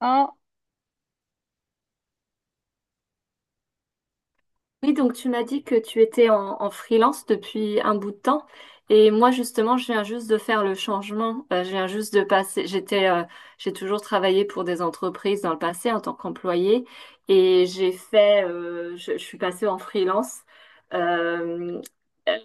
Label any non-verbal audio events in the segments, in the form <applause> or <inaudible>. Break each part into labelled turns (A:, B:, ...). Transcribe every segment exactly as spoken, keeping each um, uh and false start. A: Hein,
B: Oui, donc tu m'as dit que tu étais en, en freelance depuis un bout de temps. Et moi, justement, je viens juste de faire le changement. Euh, je viens juste de passer. J'étais, euh, j'ai toujours travaillé pour des entreprises dans le passé en tant qu'employée. Et j'ai fait, euh, je, je suis passée en freelance euh,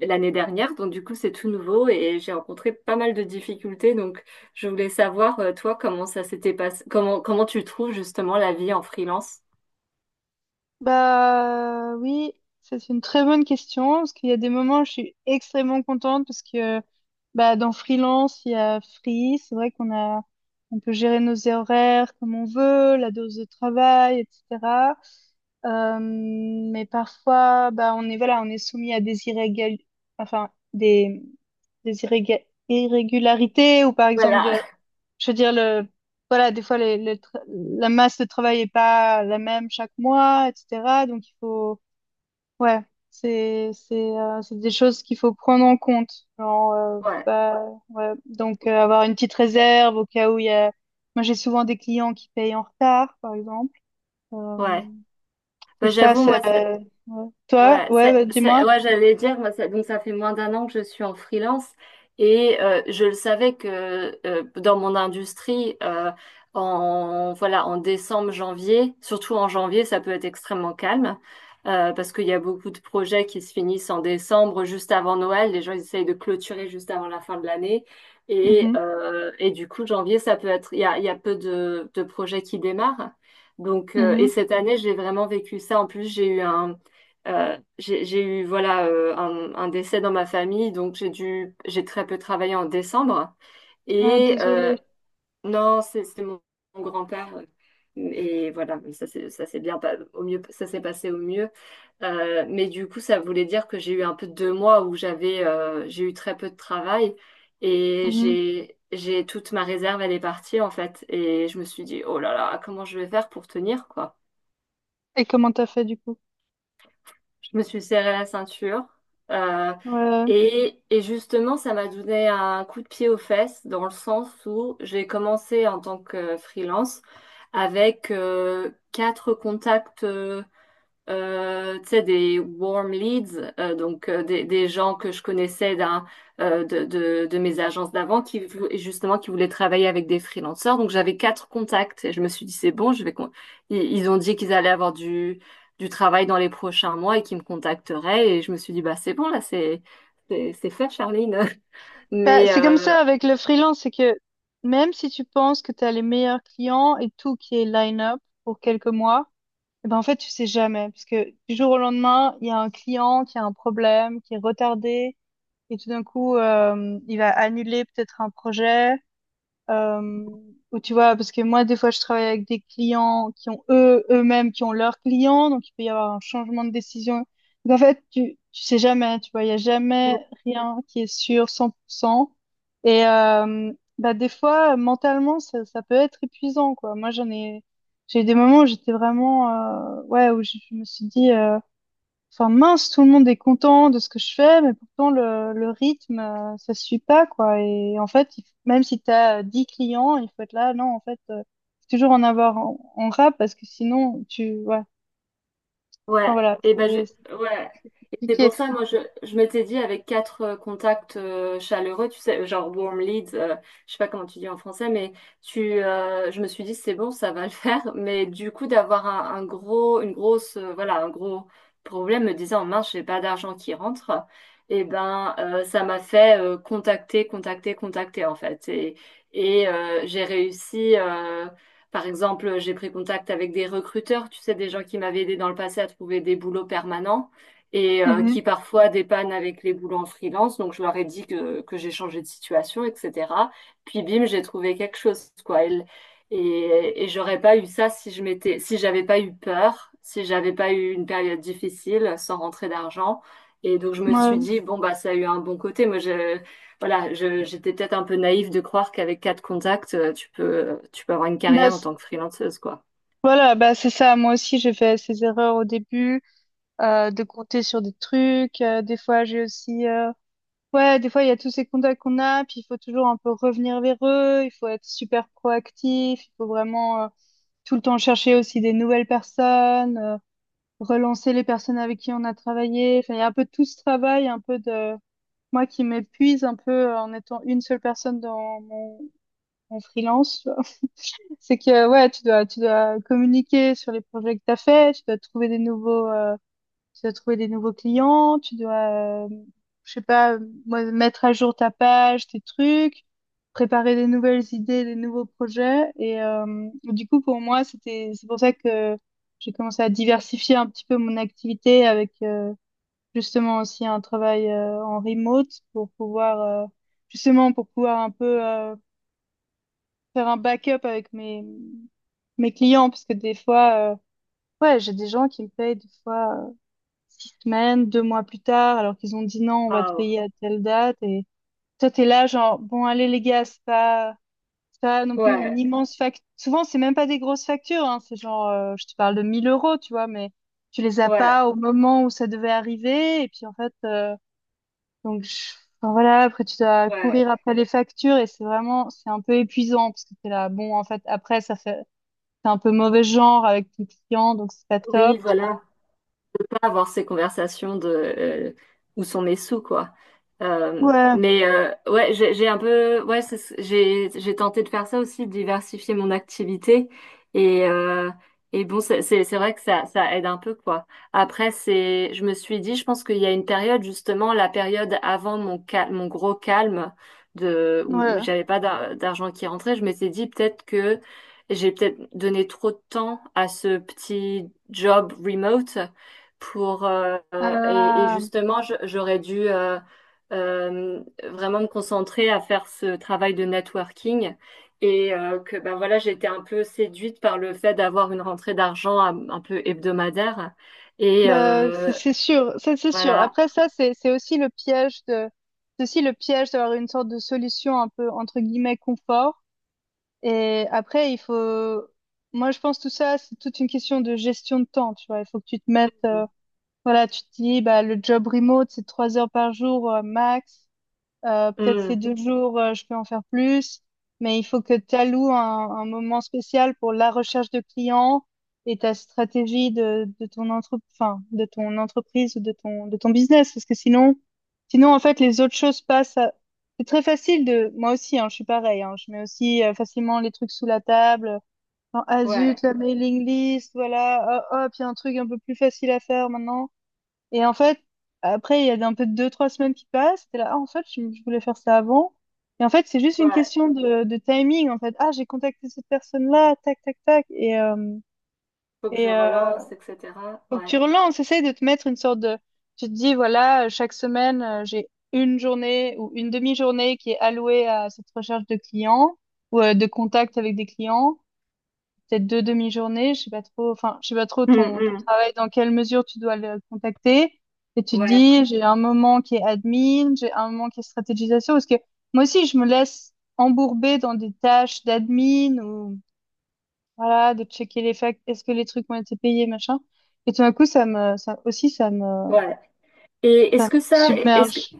B: l'année dernière. Donc, du coup, c'est tout nouveau et j'ai rencontré pas mal de difficultés. Donc, je voulais savoir, euh, toi, comment ça s'était passé, comment, comment tu trouves justement la vie en freelance?
A: bah oui, ça, c'est une très bonne question parce qu'il y a des moments où je suis extrêmement contente parce que bah dans freelance il y a free, c'est vrai qu'on a on peut gérer nos horaires comme on veut, la dose de travail, et cetera. Euh, mais parfois bah on est voilà on est soumis à des irrégal enfin des des irréga- irrégularités ou par exemple
B: Voilà.
A: de.
B: <laughs>
A: Je veux dire, le, voilà, des fois, les, le tra- la masse de travail est pas la même chaque mois, et cetera. Donc, il faut, ouais, c'est, c'est, euh, c'est des choses qu'il faut prendre en compte. Genre, euh,
B: Ouais.
A: bah, ouais. Donc, euh, avoir une petite réserve au cas où il y a, moi, j'ai souvent des clients qui payent en retard, par exemple. Euh,
B: Ouais.
A: et
B: Bah,
A: ça,
B: j'avoue,
A: c'est,
B: moi,
A: ouais. Toi,
B: Ouais,
A: ouais,
B: c'est,
A: bah,
B: c'est-
A: dis-moi.
B: ouais, j'allais dire, moi, ça- donc ça fait moins d'un an que je suis en freelance et euh, je le savais que euh, dans mon industrie, euh, en voilà, en décembre, janvier, surtout en janvier, ça peut être extrêmement calme euh, parce qu'il y a beaucoup de projets qui se finissent en décembre, juste avant Noël. Les gens ils essayent de clôturer juste avant la fin de l'année et
A: Mhm,
B: euh, et du coup, janvier, ça peut être, il y a, il y a peu de de projets qui démarrent. Donc, euh,
A: mhm.
B: et cette année, j'ai vraiment vécu ça. En plus, j'ai eu un euh, j'ai j'ai eu voilà euh, un, un décès dans ma famille, donc j'ai dû j'ai très peu travaillé en décembre.
A: Ah,
B: Et euh,
A: désolé.
B: non, c'est c'est mon, mon grand-père. euh, Et voilà, mais ça c'est ça s'est bien pas- au mieux ça s'est passé au mieux. Euh, mais du coup, ça voulait dire que j'ai eu un peu deux mois où j'avais euh, j'ai eu très peu de travail et
A: Mhm.
B: j'ai j'ai toute ma réserve elle est partie en fait. Et je me suis dit oh là là comment je vais faire pour tenir quoi.
A: Et comment t'as fait, du coup?
B: Je me suis serré la ceinture. euh,
A: Ouais, ouais.
B: et, et justement, ça m'a donné un coup de pied aux fesses dans le sens où j'ai commencé en tant que freelance avec euh, quatre contacts. Euh, euh, tu sais, des warm leads, euh, donc euh, des, des gens que je connaissais d'un, euh, de, de, de mes agences d'avant qui vou- justement qui voulaient travailler avec des freelancers. Donc j'avais quatre contacts et je me suis dit c'est bon, je vais con- ils, ils ont dit qu'ils allaient avoir du du travail dans les prochains mois et qu'ils me contacteraient et je me suis dit bah c'est bon là c'est c'est c'est fait Charline. <laughs>
A: Bah,
B: Mais
A: c'est comme
B: euh,
A: ça avec le freelance, c'est que même si tu penses que tu as les meilleurs clients et tout qui est line-up pour quelques mois, eh ben en fait, tu sais jamais. Parce que du jour au lendemain, il y a un client qui a un problème, qui est retardé, et tout d'un coup, euh, il va annuler peut-être un projet. Euh, ou tu vois, parce que moi, des fois, je travaille avec des clients qui ont eux, eux-mêmes, qui ont leurs clients, donc il peut y avoir un changement de décision. Donc, en fait, tu, tu sais jamais, hein, tu vois, il y a jamais rien qui est sûr cent pour cent. Et euh, bah, des fois, mentalement, ça, ça peut être épuisant, quoi. Moi, j'en ai, j'ai eu des moments où j'étais vraiment, euh, ouais, où je, je me suis dit, euh, enfin, mince, tout le monde est content de ce que je fais, mais pourtant le, le rythme, euh, ça suit pas, quoi. Et en fait, il f- même si tu as dix clients, il faut être là. Non, en fait, euh, faut toujours en avoir en, en rab parce que sinon, tu, ouais. Enfin,
B: Ouais,
A: voilà,
B: et ben
A: c'est c'est-
B: je- ouais.
A: c'est
B: Et c'est
A: compliqué.
B: pour ça, moi, je, je m'étais dit avec quatre euh, contacts euh, chaleureux, tu sais, genre warm leads, euh, Je sais pas comment tu dis en français, mais tu, euh, je me suis dit c'est bon, ça va le <laughs> faire. Mais du coup, d'avoir un, un gros, une grosse, euh, voilà, un gros problème, me disant mince, j'ai pas d'argent qui rentre. Et ben, euh, ça m'a fait euh, contacter, contacter, contacter en fait. Et, et euh, j'ai réussi. Euh, par exemple, euh, j'ai pris contact avec des recruteurs, tu sais, des gens qui m'avaient aidé dans le passé à trouver des boulots permanents et euh,
A: Mhm.
B: qui parfois dépannent avec les boulots en freelance. Donc, je leur ai dit que, que j'ai changé de situation, et cetera. Puis, bim, j'ai trouvé quelque chose, quoi. Et, et, et j'aurais pas eu ça si je m'étais, si j'avais pas eu peur, si j'avais pas eu une période difficile sans rentrer d'argent. Et donc, je me suis
A: Ouais.
B: dit, bon, bah, ça a eu un bon côté. Moi, je- voilà, je- J'étais peut-être un peu naïve de croire qu'avec quatre contacts, euh, tu peux, tu peux avoir une
A: Bah,
B: carrière en
A: c-
B: tant que freelanceuse, quoi.
A: voilà, bah, c'est ça. Moi aussi, j'ai fait ces erreurs au début, euh, de compter sur des trucs. Euh, des fois, j'ai aussi, euh, ouais, des fois, il y a tous ces contacts qu'on a, puis il faut toujours un peu revenir vers eux, il faut être super proactif, il faut vraiment euh, tout le temps chercher aussi des nouvelles personnes, euh, relancer les personnes avec qui on a travaillé. Enfin, il y a un peu tout ce travail, un peu de moi qui m'épuise un peu euh, en étant une seule personne dans mon, mon freelance. Tu vois. <laughs> C'est que ouais, tu dois tu dois communiquer sur les projets que t'as fait, tu dois trouver des nouveaux euh, tu dois trouver des nouveaux clients, tu dois, euh, je sais pas, moi, mettre à jour ta page, tes trucs, préparer des nouvelles idées, des nouveaux projets. Et euh, du coup, pour moi, c'était, c'est pour ça que j'ai commencé à diversifier un petit peu mon activité avec euh, justement aussi un travail euh, en remote pour pouvoir, euh, justement, pour pouvoir un peu euh, faire un backup avec mes, mes clients parce que des fois, euh, ouais, j'ai des gens qui me payent des fois six semaines, deux mois plus tard, alors qu'ils ont dit non, on va te
B: Ah,
A: payer à telle date. Et toi, t'es là, genre, bon, allez, les gars, c'est pas, c'est pas non plus une
B: ouais,
A: immense facture. Souvent, c'est même pas des grosses factures, hein, c'est genre, euh, je te parle de mille euros, tu vois, mais tu les as
B: ouais,
A: pas au moment où ça devait arriver. Et puis, en fait, euh, donc, je- enfin, voilà, après, tu dois
B: ouais.
A: courir après les factures et c'est vraiment, c'est un peu épuisant parce que t'es là, bon, en fait, après, ça fait, c'est un peu mauvais genre avec tes clients, donc c'est pas
B: Oui,
A: top. Tu
B: voilà. Avoir ces conversations de euh, où sont mes sous, quoi. Euh,
A: vois.
B: mais euh, ouais, j'ai j'ai un peu, ouais, c'est ce- j'ai j'ai tenté de faire ça aussi, de diversifier mon activité. Et euh, et bon, c'est c'est c'est vrai que ça ça aide un peu, quoi. Après, c'est, je me suis dit, je pense qu'il y a une période justement, la période avant mon cal mon gros calme de
A: Ouais,
B: où, où
A: ouais.
B: j'avais pas d'ar- d'argent qui rentrait, je m'étais dit peut-être que j'ai peut-être donné trop de temps à ce petit job remote pour euh, et, et
A: Euh,
B: justement je- J'aurais dû euh, euh, vraiment me concentrer à faire ce travail de networking et euh, que ben voilà j'étais un peu séduite par le fait d'avoir une rentrée d'argent un, un peu hebdomadaire et
A: Bah, c'est
B: euh,
A: c'est sûr, ça c'est sûr.
B: voilà.
A: Après ça, c'est c'est aussi le piège de, c'est aussi le piège d'avoir une sorte de solution un peu entre guillemets confort. Et après, il faut, moi je pense tout ça, c'est toute une question de gestion de temps. Tu vois, il faut que tu te mettes, euh, voilà, tu te dis, bah le job remote c'est trois heures par jour euh, max. Euh, peut-être ces
B: Hmm.
A: deux jours, euh, je peux en faire plus, mais il faut que tu alloues un, un moment spécial pour la recherche de clients et ta stratégie de, de ton entre- enfin, de ton entreprise ou de ton, de ton business. Parce que sinon, sinon, en fait, les autres choses passent à. C'est très facile de, moi aussi, hein, je suis pareil, hein, je mets aussi euh, facilement les trucs sous la table. Genre, ah zut,
B: Ouais,
A: la mailing list, voilà, hop, hop, il y a un truc un peu plus facile à faire maintenant. Et en fait, après, il y a un peu de deux, trois semaines qui passent. T'es là, ah, en fait, je, je voulais faire ça avant. Et en fait, c'est juste une
B: ouais.
A: question de, de timing, en fait. Ah, j'ai contacté cette personne-là, tac, tac, tac. Et, euh,
B: Faut que je
A: et euh,
B: relance, etc.
A: Faut que tu
B: Ouais.
A: relances. Essaye de te mettre une sorte de. Tu te dis, voilà, chaque semaine, euh, j'ai une journée ou une demi-journée qui est allouée à cette recherche de clients ou euh, de contact avec des clients peut-être deux demi-journées, je sais pas trop, enfin, je sais pas trop
B: Hmm,
A: ton, ton
B: hmm.
A: travail, dans quelle mesure tu dois le contacter. Et tu te
B: Ouais,
A: dis, j'ai un moment qui est admin, j'ai un moment qui est stratégisation, parce que moi aussi, je me laisse embourber dans des tâches d'admin ou, voilà, de checker les factures, est-ce que les trucs ont été payés, machin. Et tout d'un coup, ça me, ça aussi, ça me,
B: ouais. et
A: ça
B: est-ce
A: me
B: que ça est-ce
A: submerge.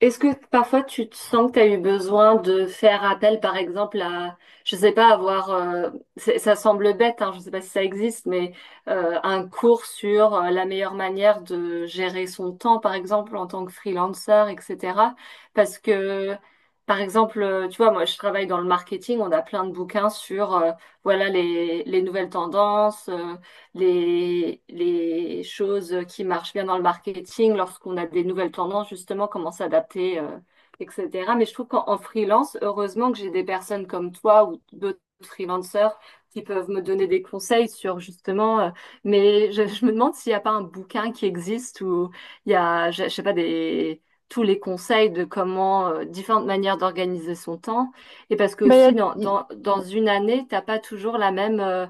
B: Est-ce que parfois tu te sens que tu as eu besoin de faire appel, par exemple, à, je sais pas, avoir, euh, c'est- ça semble bête, hein, je sais pas si ça existe, mais euh, un cours sur euh, la meilleure manière de gérer son temps, par exemple, en tant que freelancer, et cetera. Parce que, Par exemple, euh, tu vois, moi, je travaille dans le marketing, on a plein de bouquins sur, euh, voilà, les, les nouvelles tendances. euh, les, les choses qui marchent bien dans le marketing, lorsqu'on a des nouvelles tendances, justement, comment s'adapter, euh, et cetera. Mais je trouve qu'en freelance, heureusement que j'ai des personnes comme toi ou d'autres freelanceurs qui peuvent me donner des conseils sur justement, euh, mais je, je me demande s'il n'y a pas un bouquin qui existe où il y a, je, je sais pas, des, tous les conseils de comment, euh, différentes manières d'organiser son temps. Et parce que
A: Bah, y
B: aussi,
A: a-
B: dans,
A: y-
B: dans, dans une année, t'as pas toujours la même... euh,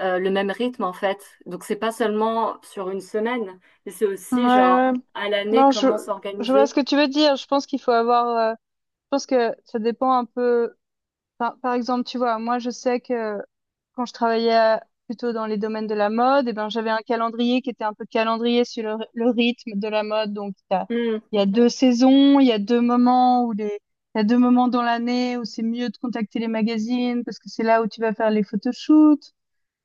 B: euh, le même rythme en fait. Donc c'est pas seulement sur une semaine, mais c'est
A: ouais,
B: aussi
A: ouais.
B: genre à l'année
A: Non, je,
B: comment
A: je vois ce
B: s'organiser.
A: que tu veux dire. Je pense qu'il faut avoir, euh, je pense que ça dépend un peu. Par, par exemple, tu vois, moi, je sais que quand je travaillais à- plutôt dans les domaines de la mode, eh ben, j'avais un calendrier qui était un peu calendrier sur le, ry- le rythme de la mode. Donc, t'as-
B: Hmm,
A: il y a deux saisons, il y a deux moments où les, il y a deux moments dans l'année où c'est mieux de contacter les magazines parce que c'est là où tu vas faire les photoshoots.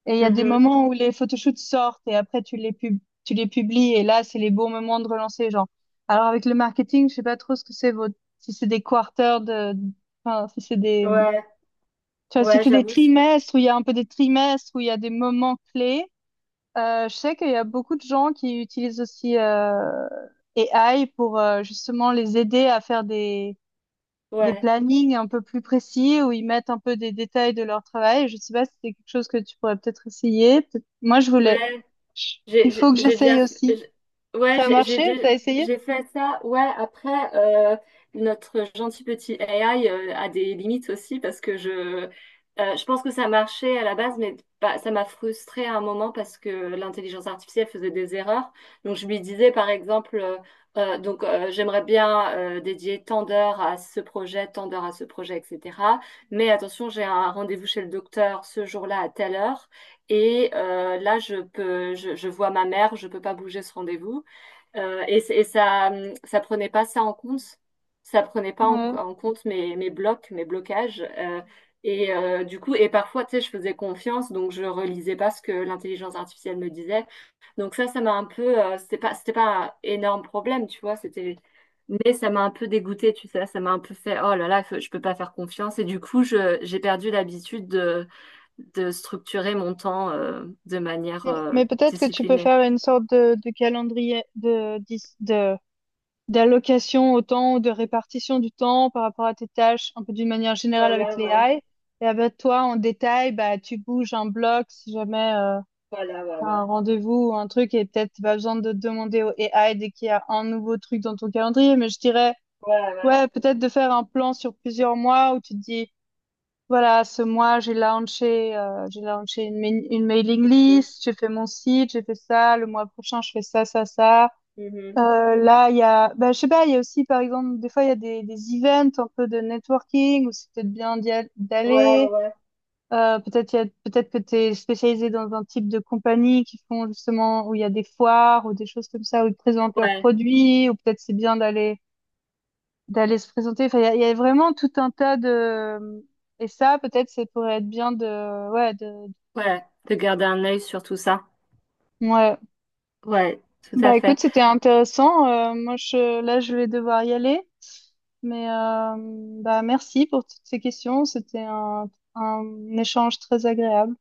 A: Et il y a des
B: mhm.
A: moments où les photoshoots sortent et après tu les pub- tu les publies et là, c'est les bons moments de relancer les gens. Alors, avec le marketing, je sais pas trop ce que c'est votre, si c'est des quarters de, enfin, si c'est des
B: Ouais,
A: tu vois, si
B: ouais,
A: c'est des
B: j'avoue. C'est-
A: trimestres où il y a un peu des trimestres, où il y a des moments clés, euh, je sais qu'il y a beaucoup de gens qui utilisent aussi euh, I A pour euh, justement les aider à faire des, des
B: ouais,
A: plannings un peu plus précis, où ils mettent un peu des détails de leur travail. Je sais pas si c'est quelque chose que tu pourrais peut-être essayer. Peut- Moi, je voulais.
B: ouais.
A: Chut, il
B: J'ai
A: faut
B: j'ai-
A: que
B: j'ai déjà
A: j'essaye
B: fait,
A: aussi.
B: j'- ouais,
A: Ça a
B: j'ai j'ai
A: marché?
B: dé-
A: T'as essayé?
B: J'ai fait ça. Ouais, après, euh, notre gentil petit A I euh, a des limites aussi parce que je, euh, je pense que ça marchait à la base, mais pas- ça m'a frustrée à un moment parce que l'intelligence artificielle faisait des erreurs. Donc, je lui disais, par exemple, euh, euh, donc, euh, j'aimerais bien euh, dédier tant d'heures à ce projet, tant d'heures à ce projet, et cetera. Mais attention, j'ai un rendez-vous chez le docteur ce jour-là à telle heure. Et euh, là, je peux, je, je vois ma mère, je peux pas bouger ce rendez-vous. Euh, et c'est- et ça, hum, ça prenait pas ça en compte. Ça prenait pas en,
A: Ouais.
B: en compte mes, mes blocs, mes blocages. Euh, et euh, du coup, et parfois, tu sais, je faisais confiance, donc je relisais pas ce que l'intelligence artificielle me disait. Donc ça, ça m'a un peu, euh, c'était pas, c'était pas un énorme problème, tu vois. C'était, mais ça m'a un peu dégoûtée, tu sais. Ça m'a un peu fait, oh là là, faut- je peux pas faire confiance. Et du coup, je, j'ai perdu l'habitude de de structurer mon temps euh, de manière
A: Mais,
B: euh,
A: mais peut-être que tu peux
B: disciplinée.
A: faire une sorte de, de calendrier de, dix- de d'allocation au temps, de répartition du temps par rapport à tes tâches, un peu d'une manière générale avec
B: Voilà, ouais.
A: l'A I. Et avec toi, en détail, bah, tu bouges un bloc si jamais euh,
B: Voilà, ouais,
A: tu as
B: ouais.
A: un rendez-vous ou un truc et peut-être tu besoin de demander au I A dès qu'il y a un nouveau truc dans ton calendrier. Mais je dirais,
B: Ouais, ouais.
A: ouais, peut-être de faire un plan sur plusieurs mois où tu te dis, voilà, ce mois, j'ai launché, euh, j'ai launché une, mail- une mailing list, j'ai fait mon site, j'ai fait ça, le mois prochain, je fais ça, ça, ça.
B: Mhm, mhm.
A: Euh, là, il y a, bah, je sais pas, il y a aussi, par exemple, des fois, il y a des, des events un peu de networking où c'est peut-être bien d'y al-
B: Ouais, ouais,
A: d'aller.
B: ouais.
A: Euh, peut-être, il y a- peut-être que tu es spécialisé dans un type de compagnie qui font justement où il y a des foires ou des choses comme ça où ils présentent leurs
B: Ouais,
A: produits ou peut-être c'est bien d'aller, d'aller se présenter. Enfin, il y a, il y a vraiment tout un tas de, et ça, peut-être, ça pourrait être bien de, ouais, de,
B: ouais, de garder un œil sur tout ça.
A: ouais.
B: Ouais, tout à
A: Bah,
B: fait.
A: écoute, c'était intéressant. Euh, moi, je, là, je vais devoir y aller. Mais euh, bah, merci pour toutes ces questions. C'était un, un échange très agréable.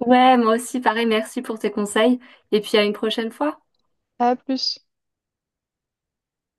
B: Ouais, moi aussi, pareil, merci pour tes conseils. Et puis à une prochaine fois.
A: À plus.